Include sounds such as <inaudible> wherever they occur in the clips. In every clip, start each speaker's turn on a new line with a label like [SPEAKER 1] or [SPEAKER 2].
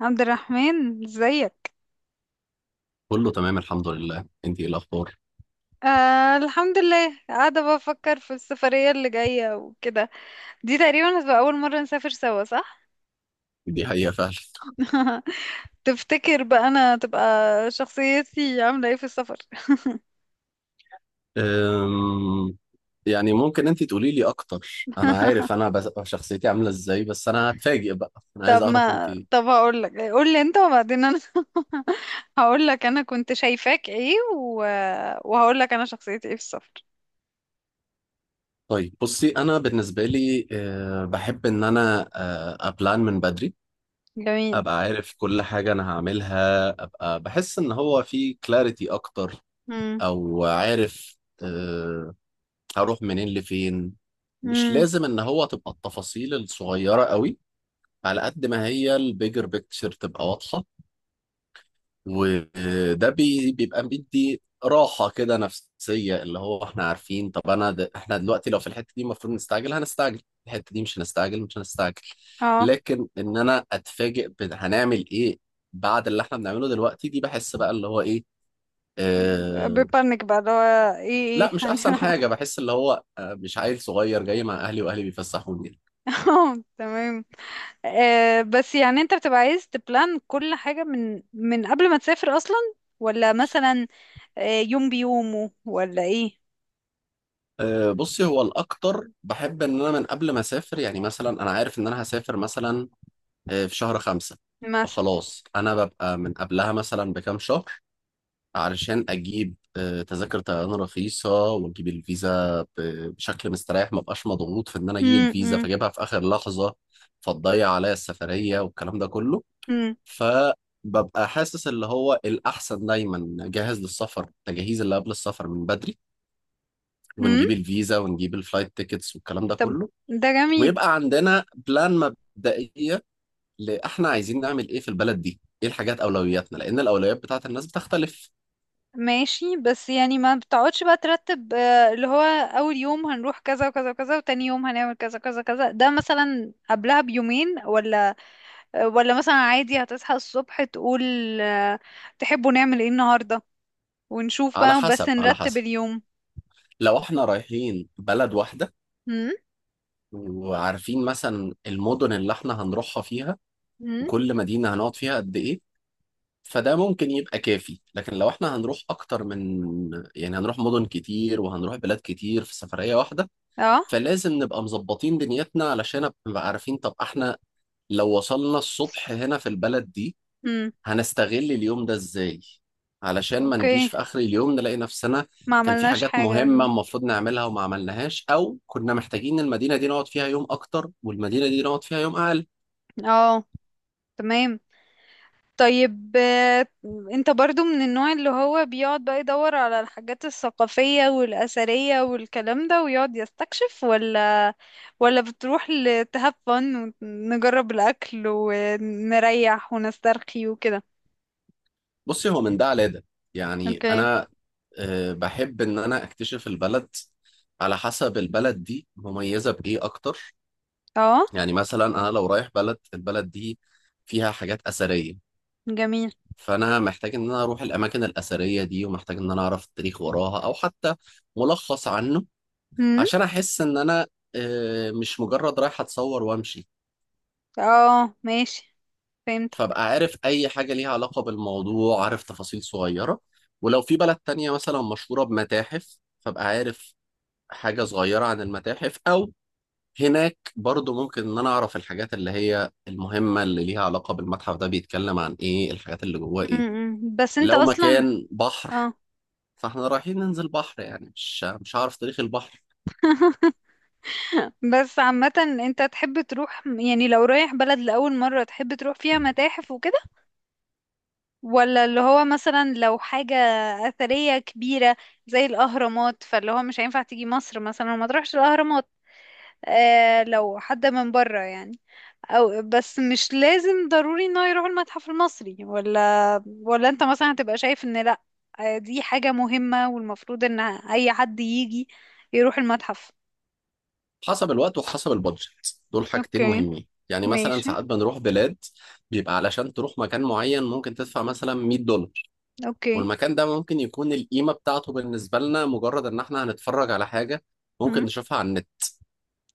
[SPEAKER 1] عبد الرحمن، ازيك؟
[SPEAKER 2] كله تمام الحمد لله، انت ايه الاخبار؟
[SPEAKER 1] آه، الحمد لله، قاعدة بفكر في السفرية اللي جاية وكده. دي تقريبا هتبقى أول مرة نسافر سوا صح؟
[SPEAKER 2] دي حقيقة فعلا.
[SPEAKER 1] <laughs> تفتكر بقى أنا تبقى شخصيتي عاملة ايه في السفر؟
[SPEAKER 2] أم... يعني ممكن انت تقولي لي اكتر، انا عارف
[SPEAKER 1] <laughs>
[SPEAKER 2] انا شخصيتي عاملة ازاي، بس انا هتفاجئ بقى، انا عايز
[SPEAKER 1] طب
[SPEAKER 2] اعرف انت
[SPEAKER 1] ما
[SPEAKER 2] ايه.
[SPEAKER 1] طب هقولك، قولي انت وبعدين أنا. <laughs> هقولك أنا كنت شايفاك ايه وهقولك أنا شخصيتي ايه في السفر.
[SPEAKER 2] طيب بصي، انا بالنسبة لي بحب ان انا ابلان من بدري،
[SPEAKER 1] جميل.
[SPEAKER 2] ابقى عارف كل حاجة انا هعملها، ابقى بحس ان هو في كلاريتي اكتر
[SPEAKER 1] امم.
[SPEAKER 2] او عارف أه... هروح منين لفين. مش
[SPEAKER 1] امم.
[SPEAKER 2] لازم ان هو تبقى التفاصيل الصغيرة قوي على قد ما هي البيجر بيكتشر تبقى واضحة. وده بيبقى بيدي راحة كده نفسية، اللي هو احنا عارفين طب انا احنا دلوقتي لو في الحتة دي المفروض نستعجل هنستعجل، الحتة دي مش هنستعجل مش هنستعجل.
[SPEAKER 1] اه،
[SPEAKER 2] لكن ان انا اتفاجئ هنعمل ايه بعد اللي احنا بنعمله دلوقتي، دي بحس بقى اللي هو ايه. اه...
[SPEAKER 1] ببانك بقى اللي هو ايه.
[SPEAKER 2] لا
[SPEAKER 1] <laughs>
[SPEAKER 2] مش احسن حاجة، بحس اللي هو آه، مش عيل صغير جاي مع اهلي واهلي بيفسحوني.
[SPEAKER 1] <laughs> اه، تمام. بس يعني انت بتبقى عايز تبلان كل حاجة من قبل ما تسافر اصلا؟ ولا مثلا يوم بيومه ولا ايه،
[SPEAKER 2] أه، بصي، هو الأكتر بحب إن أنا من قبل ما أسافر، يعني مثلا أنا عارف إن أنا هسافر مثلا أه، في شهر خمسة،
[SPEAKER 1] مثلا؟
[SPEAKER 2] فخلاص أنا ببقى من قبلها مثلا بكام شهر علشان أجيب أه، تذاكر طيران رخيصة، وأجيب الفيزا بشكل مستريح، ما بقاش مضغوط في إن أنا أجيب
[SPEAKER 1] مم،
[SPEAKER 2] الفيزا
[SPEAKER 1] مم،
[SPEAKER 2] فأجيبها في آخر لحظة فتضيع عليا السفرية والكلام ده كله.
[SPEAKER 1] مم،
[SPEAKER 2] فببقى حاسس اللي هو الأحسن دايما جاهز للسفر، التجهيز اللي قبل السفر من بدري،
[SPEAKER 1] مم.
[SPEAKER 2] ونجيب الفيزا ونجيب الفلايت تيكتس والكلام ده
[SPEAKER 1] طب،
[SPEAKER 2] كله.
[SPEAKER 1] ده جميل.
[SPEAKER 2] ويبقى عندنا بلان مبدئية، لإحنا عايزين نعمل إيه في البلد دي، إيه الحاجات أولوياتنا، لأن الأولويات بتاعت الناس بتختلف.
[SPEAKER 1] ماشي، بس يعني ما بتقعدش بقى ترتب اللي هو اول يوم هنروح كذا وكذا وكذا، وتاني يوم هنعمل كذا كذا كذا، ده مثلا قبلها بيومين ولا؟ ولا مثلا عادي هتصحى الصبح تقول، آه، تحبوا نعمل ايه النهاردة، ونشوف
[SPEAKER 2] على
[SPEAKER 1] بقى بس
[SPEAKER 2] حسب، على
[SPEAKER 1] نرتب
[SPEAKER 2] حسب.
[SPEAKER 1] اليوم.
[SPEAKER 2] لو إحنا رايحين بلد واحدة وعارفين مثلا المدن اللي إحنا هنروحها فيها
[SPEAKER 1] امم.
[SPEAKER 2] وكل مدينة هنقعد فيها قد إيه، فده ممكن يبقى كافي. لكن لو إحنا هنروح أكتر من، يعني هنروح مدن كتير وهنروح بلاد كتير في سفرية واحدة،
[SPEAKER 1] اه.
[SPEAKER 2] فلازم نبقى مظبطين دنيتنا علشان نبقى عارفين طب احنا لو وصلنا الصبح هنا في البلد دي
[SPEAKER 1] امم.
[SPEAKER 2] هنستغل اليوم ده ازاي، علشان ما نجيش
[SPEAKER 1] اوكي.
[SPEAKER 2] في اخر اليوم نلاقي نفسنا
[SPEAKER 1] ما
[SPEAKER 2] كان في
[SPEAKER 1] عملناش
[SPEAKER 2] حاجات
[SPEAKER 1] حاجة.
[SPEAKER 2] مهمة
[SPEAKER 1] مم.
[SPEAKER 2] المفروض نعملها وما عملناش، او كنا محتاجين المدينة دي نقعد فيها يوم اكتر والمدينة دي نقعد فيها يوم اقل.
[SPEAKER 1] اه، تمام. طيب، انت برضو من النوع اللي هو بيقعد بقى يدور على الحاجات الثقافية والأثرية والكلام ده، ويقعد يستكشف، ولا؟ ولا بتروح to have fun، ونجرب الأكل ونريح ونسترخي وكده؟
[SPEAKER 2] بصي، هو من ده على ده، يعني
[SPEAKER 1] اوكي.
[SPEAKER 2] انا آه، بحب ان انا اكتشف البلد على حسب البلد دي مميزة بايه اكتر.
[SPEAKER 1] اه.
[SPEAKER 2] يعني مثلا انا لو رايح بلد، البلد دي فيها حاجات اثريه،
[SPEAKER 1] جميل.
[SPEAKER 2] فانا محتاج ان انا اروح الاماكن الاثريه دي، ومحتاج ان انا اعرف التاريخ وراها او حتى ملخص عنه،
[SPEAKER 1] امم.
[SPEAKER 2] عشان احس ان انا آه، مش مجرد رايح اتصور وامشي.
[SPEAKER 1] اه، ماشي، فهمتك.
[SPEAKER 2] فابقى عارف اي حاجه ليها علاقه بالموضوع، عارف تفاصيل صغيره. ولو في بلد تانية مثلا مشهوره بمتاحف فابقى عارف حاجه صغيره عن المتاحف، او هناك برضو ممكن ان انا اعرف الحاجات اللي هي المهمة اللي ليها علاقة بالمتحف ده، بيتكلم عن ايه، الحاجات اللي جواه ايه.
[SPEAKER 1] امم، بس انت
[SPEAKER 2] لو
[SPEAKER 1] اصلا.
[SPEAKER 2] مكان بحر
[SPEAKER 1] اه.
[SPEAKER 2] فاحنا رايحين ننزل بحر، يعني مش هعرف تاريخ البحر.
[SPEAKER 1] <laughs> بس عامة، انت تحب تروح يعني لو رايح بلد لأول مرة، تحب تروح فيها متاحف وكده، ولا اللي هو مثلا لو حاجة أثرية كبيرة زي الأهرامات، فاللي هو مش هينفع تيجي مصر مثلا وما تروحش الأهرامات؟ آه، لو حد من بره يعني. أو بس مش لازم ضروري انه يروح المتحف المصري، ولا انت مثلا هتبقى شايف ان لأ، دي حاجة مهمة والمفروض ان أي حد يجي يروح المتحف؟
[SPEAKER 2] حسب الوقت وحسب البادجت، دول حاجتين
[SPEAKER 1] اوكي.
[SPEAKER 2] مهمين. يعني مثلا
[SPEAKER 1] ماشي.
[SPEAKER 2] ساعات بنروح بلاد بيبقى علشان تروح مكان معين ممكن تدفع مثلا $100،
[SPEAKER 1] اوكي.
[SPEAKER 2] والمكان ده ممكن يكون القيمة بتاعته بالنسبة لنا مجرد ان احنا هنتفرج على حاجة ممكن نشوفها على النت.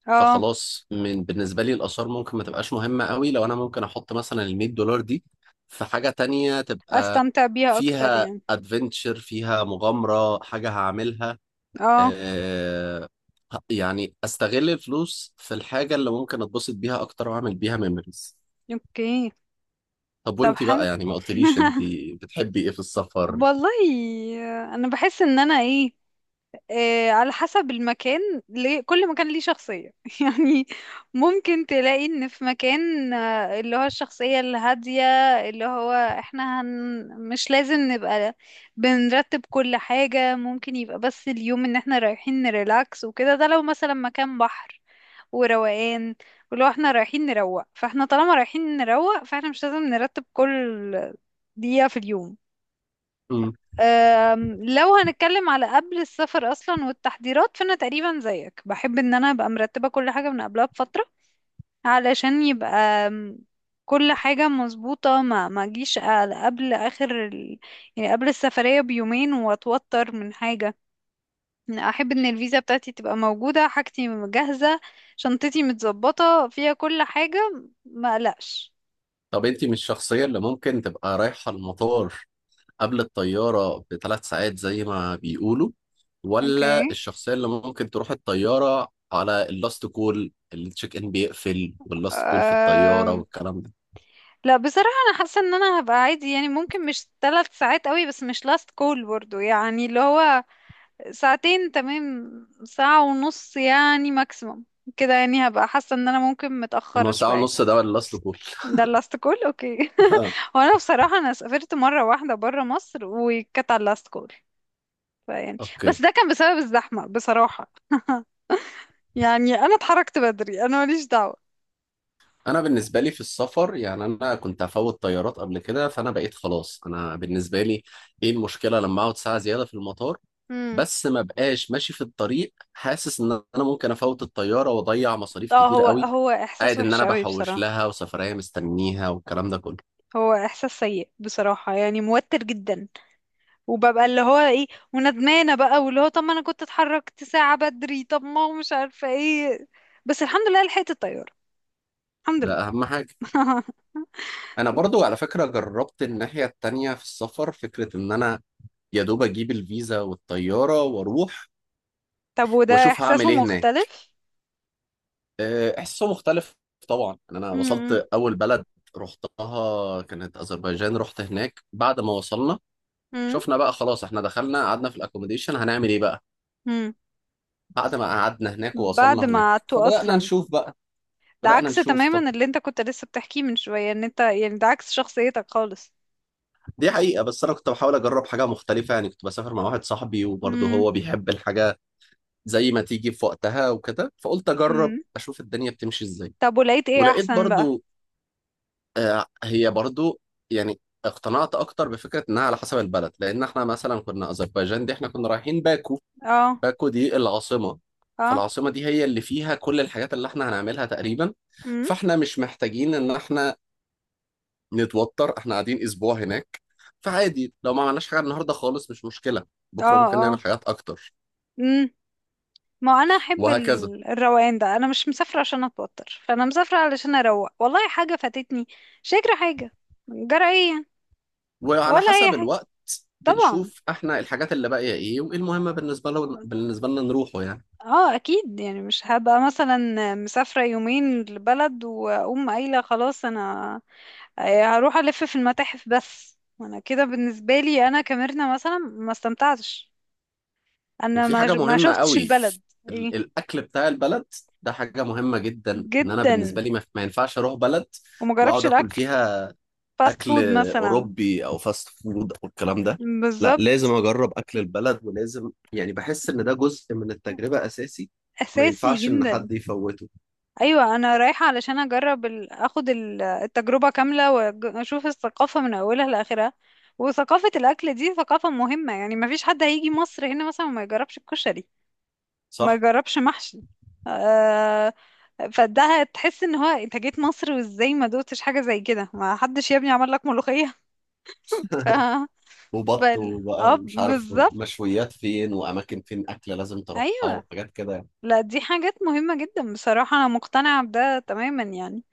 [SPEAKER 1] اه،
[SPEAKER 2] فخلاص بالنسبة لي الآثار ممكن ما تبقاش مهمة قوي لو أنا ممكن أحط مثلا ال $100 دي في حاجة تانية تبقى
[SPEAKER 1] استمتع بيها اكتر
[SPEAKER 2] فيها
[SPEAKER 1] يعني.
[SPEAKER 2] ادفنتشر، فيها مغامرة، حاجة هعملها
[SPEAKER 1] اه.
[SPEAKER 2] آه. يعني أستغل الفلوس في الحاجة اللي ممكن أتبسط بيها أكتر وأعمل بيها ميموريز.
[SPEAKER 1] اوكي.
[SPEAKER 2] طب
[SPEAKER 1] طب،
[SPEAKER 2] وأنتي
[SPEAKER 1] حلو.
[SPEAKER 2] بقى، يعني ما قلتليش
[SPEAKER 1] <laughs>
[SPEAKER 2] أنتي بتحبي إيه في السفر.
[SPEAKER 1] والله. انا بحس ان انا ايه، على حسب المكان، ليه كل مكان ليه شخصية. <laughs> يعني ممكن تلاقي ان في مكان اللي هو الشخصية الهادية، اللي هو احنا مش لازم نبقى بنرتب كل حاجة، ممكن يبقى بس اليوم ان احنا رايحين نريلاكس وكده، ده لو مثلا مكان بحر وروقان. ولو احنا رايحين نروق فاحنا طالما رايحين نروق فاحنا مش لازم نرتب كل دقيقة في اليوم.
[SPEAKER 2] مم.
[SPEAKER 1] لو هنتكلم على قبل السفر اصلا والتحضيرات، فانا تقريبا زيك بحب ان انا ابقى مرتبة كل حاجة من قبلها بفترة، علشان يبقى كل حاجة مظبوطة، ما اجيش قبل اخر يعني قبل السفرية بيومين، واتوتر من حاجة. احب ان الفيزا بتاعتي تبقى موجودة، حاجتي جاهزة، شنطتي متظبطة فيها كل حاجة، ما قلقش.
[SPEAKER 2] طب أنتي مش الشخصية اللي ممكن تبقى رايحة المطار قبل الطيارة بثلاث ساعات زي ما بيقولوا، ولا
[SPEAKER 1] اوكي.
[SPEAKER 2] الشخصية اللي ممكن تروح الطيارة على اللاست كول، التشيك ان بيقفل واللاست كول في الطيارة
[SPEAKER 1] أم...
[SPEAKER 2] والكلام ده؟
[SPEAKER 1] لا، بصراحة انا حاسة ان انا هبقى عادي يعني، ممكن مش 3 ساعات قوي، بس مش لاست كول برضو يعني، اللي هو ساعتين تمام. ساعة ونص يعني ماكسيموم. كده يعني هبقى حاسة ان انا ممكن
[SPEAKER 2] يعني ما هو
[SPEAKER 1] متأخرة
[SPEAKER 2] ساعة
[SPEAKER 1] شوية.
[SPEAKER 2] ونص ده ولا اللاست كول؟
[SPEAKER 1] ده اللاست كول. اوكي. <laughs>
[SPEAKER 2] <laughs>
[SPEAKER 1] وانا بصراحة انا سافرت مرة واحدة برا مصر وكانت على اللاست كول، فيعني.
[SPEAKER 2] اوكي.
[SPEAKER 1] بس ده كان بسبب الزحمة بصراحة. <laughs> يعني أنا اتحركت بدري، أنا ماليش دعوة.
[SPEAKER 2] انا بالنسبة لي في السفر، يعني انا كنت هفوت طيارات قبل كده، فانا بقيت خلاص انا بالنسبة لي ايه المشكلة لما اقعد ساعة زيادة في المطار،
[SPEAKER 1] امم.
[SPEAKER 2] بس ما بقاش ماشي في الطريق حاسس ان انا ممكن افوت الطياره واضيع مصاريف
[SPEAKER 1] اه،
[SPEAKER 2] كتير
[SPEAKER 1] هو
[SPEAKER 2] قوي،
[SPEAKER 1] هو إحساس
[SPEAKER 2] قاعد ان
[SPEAKER 1] وحش
[SPEAKER 2] انا
[SPEAKER 1] قوي
[SPEAKER 2] بحوش
[SPEAKER 1] بصراحة.
[SPEAKER 2] لها وسفريه مستنيها والكلام ده كله.
[SPEAKER 1] هو إحساس سيء بصراحة، يعني موتر جدا. وببقى اللي هو إيه، وندمانة بقى، واللي هو طب ما أنا كنت اتحركت ساعة بدري، طب ما هو مش عارفة إيه. بس الحمد لله لحقت الطيارة. الحمد
[SPEAKER 2] ده اهم حاجه.
[SPEAKER 1] لله. <laughs>
[SPEAKER 2] انا برضو على فكره جربت الناحيه التانية في السفر، فكره ان انا يا دوب اجيب الفيزا والطياره واروح
[SPEAKER 1] طب، وده
[SPEAKER 2] واشوف هعمل
[SPEAKER 1] إحساسه
[SPEAKER 2] ايه هناك.
[SPEAKER 1] مختلف؟
[SPEAKER 2] أه، احساسه مختلف طبعا. يعني انا وصلت
[SPEAKER 1] امم.
[SPEAKER 2] اول بلد رحتها كانت اذربيجان، رحت هناك بعد ما وصلنا شفنا بقى خلاص احنا دخلنا قعدنا في الاكوموديشن، هنعمل ايه بقى.
[SPEAKER 1] امم.
[SPEAKER 2] بعد ما قعدنا هناك
[SPEAKER 1] بعد
[SPEAKER 2] ووصلنا
[SPEAKER 1] ما
[SPEAKER 2] هناك
[SPEAKER 1] قعدتوا
[SPEAKER 2] فبدأنا
[SPEAKER 1] أصلا؟
[SPEAKER 2] نشوف بقى،
[SPEAKER 1] ده
[SPEAKER 2] بدأنا
[SPEAKER 1] عكس
[SPEAKER 2] نشوف طب.
[SPEAKER 1] تماما اللي انت كنت لسه بتحكيه من شوية، ان انت يعني ده عكس شخصيتك خالص.
[SPEAKER 2] دي حقيقة، بس أنا كنت بحاول أجرب حاجة مختلفة، يعني كنت بسافر مع واحد صاحبي وبرضه
[SPEAKER 1] امم.
[SPEAKER 2] هو بيحب الحاجة زي ما تيجي في وقتها وكده، فقلت أجرب
[SPEAKER 1] امم.
[SPEAKER 2] أشوف الدنيا بتمشي إزاي.
[SPEAKER 1] طب ولقيت ايه
[SPEAKER 2] ولقيت
[SPEAKER 1] احسن بقى؟
[SPEAKER 2] برضه آه، هي برضه يعني اقتنعت أكتر بفكرة إنها على حسب البلد. لأن إحنا مثلا كنا أذربيجان، دي إحنا كنا رايحين باكو،
[SPEAKER 1] اه.
[SPEAKER 2] باكو دي العاصمة،
[SPEAKER 1] اه.
[SPEAKER 2] فالعاصمة دي هي اللي فيها كل الحاجات اللي إحنا هنعملها تقريبا.
[SPEAKER 1] امم.
[SPEAKER 2] فاحنا مش محتاجين ان احنا نتوتر، احنا قاعدين اسبوع هناك، فعادي لو ما عملناش حاجه النهارده خالص مش مشكله،
[SPEAKER 1] اه.
[SPEAKER 2] بكره ممكن
[SPEAKER 1] اه.
[SPEAKER 2] نعمل حاجات اكتر
[SPEAKER 1] امم. ما انا احب
[SPEAKER 2] وهكذا.
[SPEAKER 1] الروقان ده، انا مش مسافرة عشان اتوتر، فانا مسافرة علشان اروق. والله حاجة فاتتني، شكرا حاجة، جرى ايه يعني؟
[SPEAKER 2] وعلى
[SPEAKER 1] ولا اي
[SPEAKER 2] حسب
[SPEAKER 1] حاجة.
[SPEAKER 2] الوقت
[SPEAKER 1] طبعا.
[SPEAKER 2] بنشوف احنا الحاجات اللي باقيه ايه، وايه المهمه بالنسبه بالنسبه لنا نروحه يعني.
[SPEAKER 1] اه، اكيد يعني مش هبقى مثلا مسافرة يومين لبلد واقوم قايلة خلاص، انا هروح ألف في المتاحف. بس أنا كده بالنسبة لي أنا كميرنا مثلا ما استمتعتش، أنا
[SPEAKER 2] وفي حاجه
[SPEAKER 1] ما
[SPEAKER 2] مهمه
[SPEAKER 1] شفتش
[SPEAKER 2] قوي،
[SPEAKER 1] البلد. إيه؟
[SPEAKER 2] الاكل بتاع البلد، ده حاجه مهمه جدا. ان انا
[SPEAKER 1] جدا.
[SPEAKER 2] بالنسبه لي ما ينفعش اروح بلد
[SPEAKER 1] وما جربش
[SPEAKER 2] واقعد اكل
[SPEAKER 1] الأكل.
[SPEAKER 2] فيها
[SPEAKER 1] فاست
[SPEAKER 2] اكل
[SPEAKER 1] فود مثلا.
[SPEAKER 2] اوروبي او فاست فود او الكلام ده. لا
[SPEAKER 1] بالظبط.
[SPEAKER 2] لازم اجرب اكل البلد، ولازم يعني بحس ان ده جزء من التجربة اساسي، ما
[SPEAKER 1] أساسي
[SPEAKER 2] ينفعش ان
[SPEAKER 1] جدا.
[SPEAKER 2] حد يفوته.
[SPEAKER 1] أيوة، أنا رايحة علشان أجرب أخد التجربة كاملة، وأشوف الثقافة من أولها لآخرها. وثقافة الأكل دي ثقافة مهمة، يعني ما فيش حد هيجي مصر هنا مثلا وما يجربش الكشري. ما
[SPEAKER 2] صح.
[SPEAKER 1] جربش محشي. آه. فده هتحس ان هو انت جيت مصر وازاي ما دوتش حاجه زي كده، ما حدش يا ابني عمل لك ملوخيه. <laughs> ف
[SPEAKER 2] <laughs> وبط وبقى
[SPEAKER 1] اه،
[SPEAKER 2] ومش عارف،
[SPEAKER 1] بالظبط.
[SPEAKER 2] مشويات فين واماكن فين اكل لازم تروحها
[SPEAKER 1] ايوه.
[SPEAKER 2] وحاجات كده يعني.
[SPEAKER 1] لا دي حاجات مهمه جدا بصراحه، انا مقتنعه بده تماما يعني،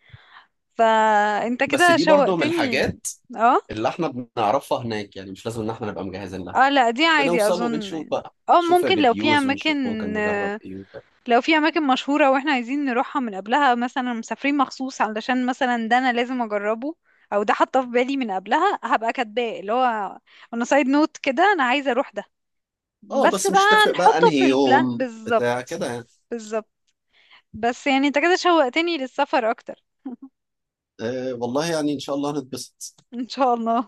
[SPEAKER 1] فانت
[SPEAKER 2] بس
[SPEAKER 1] كده
[SPEAKER 2] دي برضو من
[SPEAKER 1] شوقتني.
[SPEAKER 2] الحاجات
[SPEAKER 1] اه.
[SPEAKER 2] اللي احنا بنعرفها هناك، يعني مش لازم ان احنا نبقى مجهزين لها،
[SPEAKER 1] اه، لا دي عادي
[SPEAKER 2] بنوصل
[SPEAKER 1] اظن
[SPEAKER 2] وبنشوف
[SPEAKER 1] يعني.
[SPEAKER 2] بقى،
[SPEAKER 1] اه،
[SPEAKER 2] نشوف
[SPEAKER 1] ممكن
[SPEAKER 2] الريفيوز ونشوف ممكن نجرب
[SPEAKER 1] آه،
[SPEAKER 2] ايه وكده.
[SPEAKER 1] لو في اماكن مشهورة واحنا عايزين نروحها من قبلها، مثلا مسافرين مخصوص علشان مثلا ده انا لازم اجربه، او ده حاطه في بالي من قبلها، هبقى كاتباه اللي هو انا سايد نوت، كده انا عايزة اروح ده
[SPEAKER 2] اه
[SPEAKER 1] بس
[SPEAKER 2] بس
[SPEAKER 1] بقى.
[SPEAKER 2] مش هتفرق بقى
[SPEAKER 1] نحطه في
[SPEAKER 2] انهي
[SPEAKER 1] البلان،
[SPEAKER 2] يوم
[SPEAKER 1] بالظبط.
[SPEAKER 2] بتاع كده يعني.
[SPEAKER 1] بالظبط، بس يعني انت كده شوقتني للسفر اكتر.
[SPEAKER 2] آه والله يعني ان شاء الله هنتبسط.
[SPEAKER 1] ان شاء الله.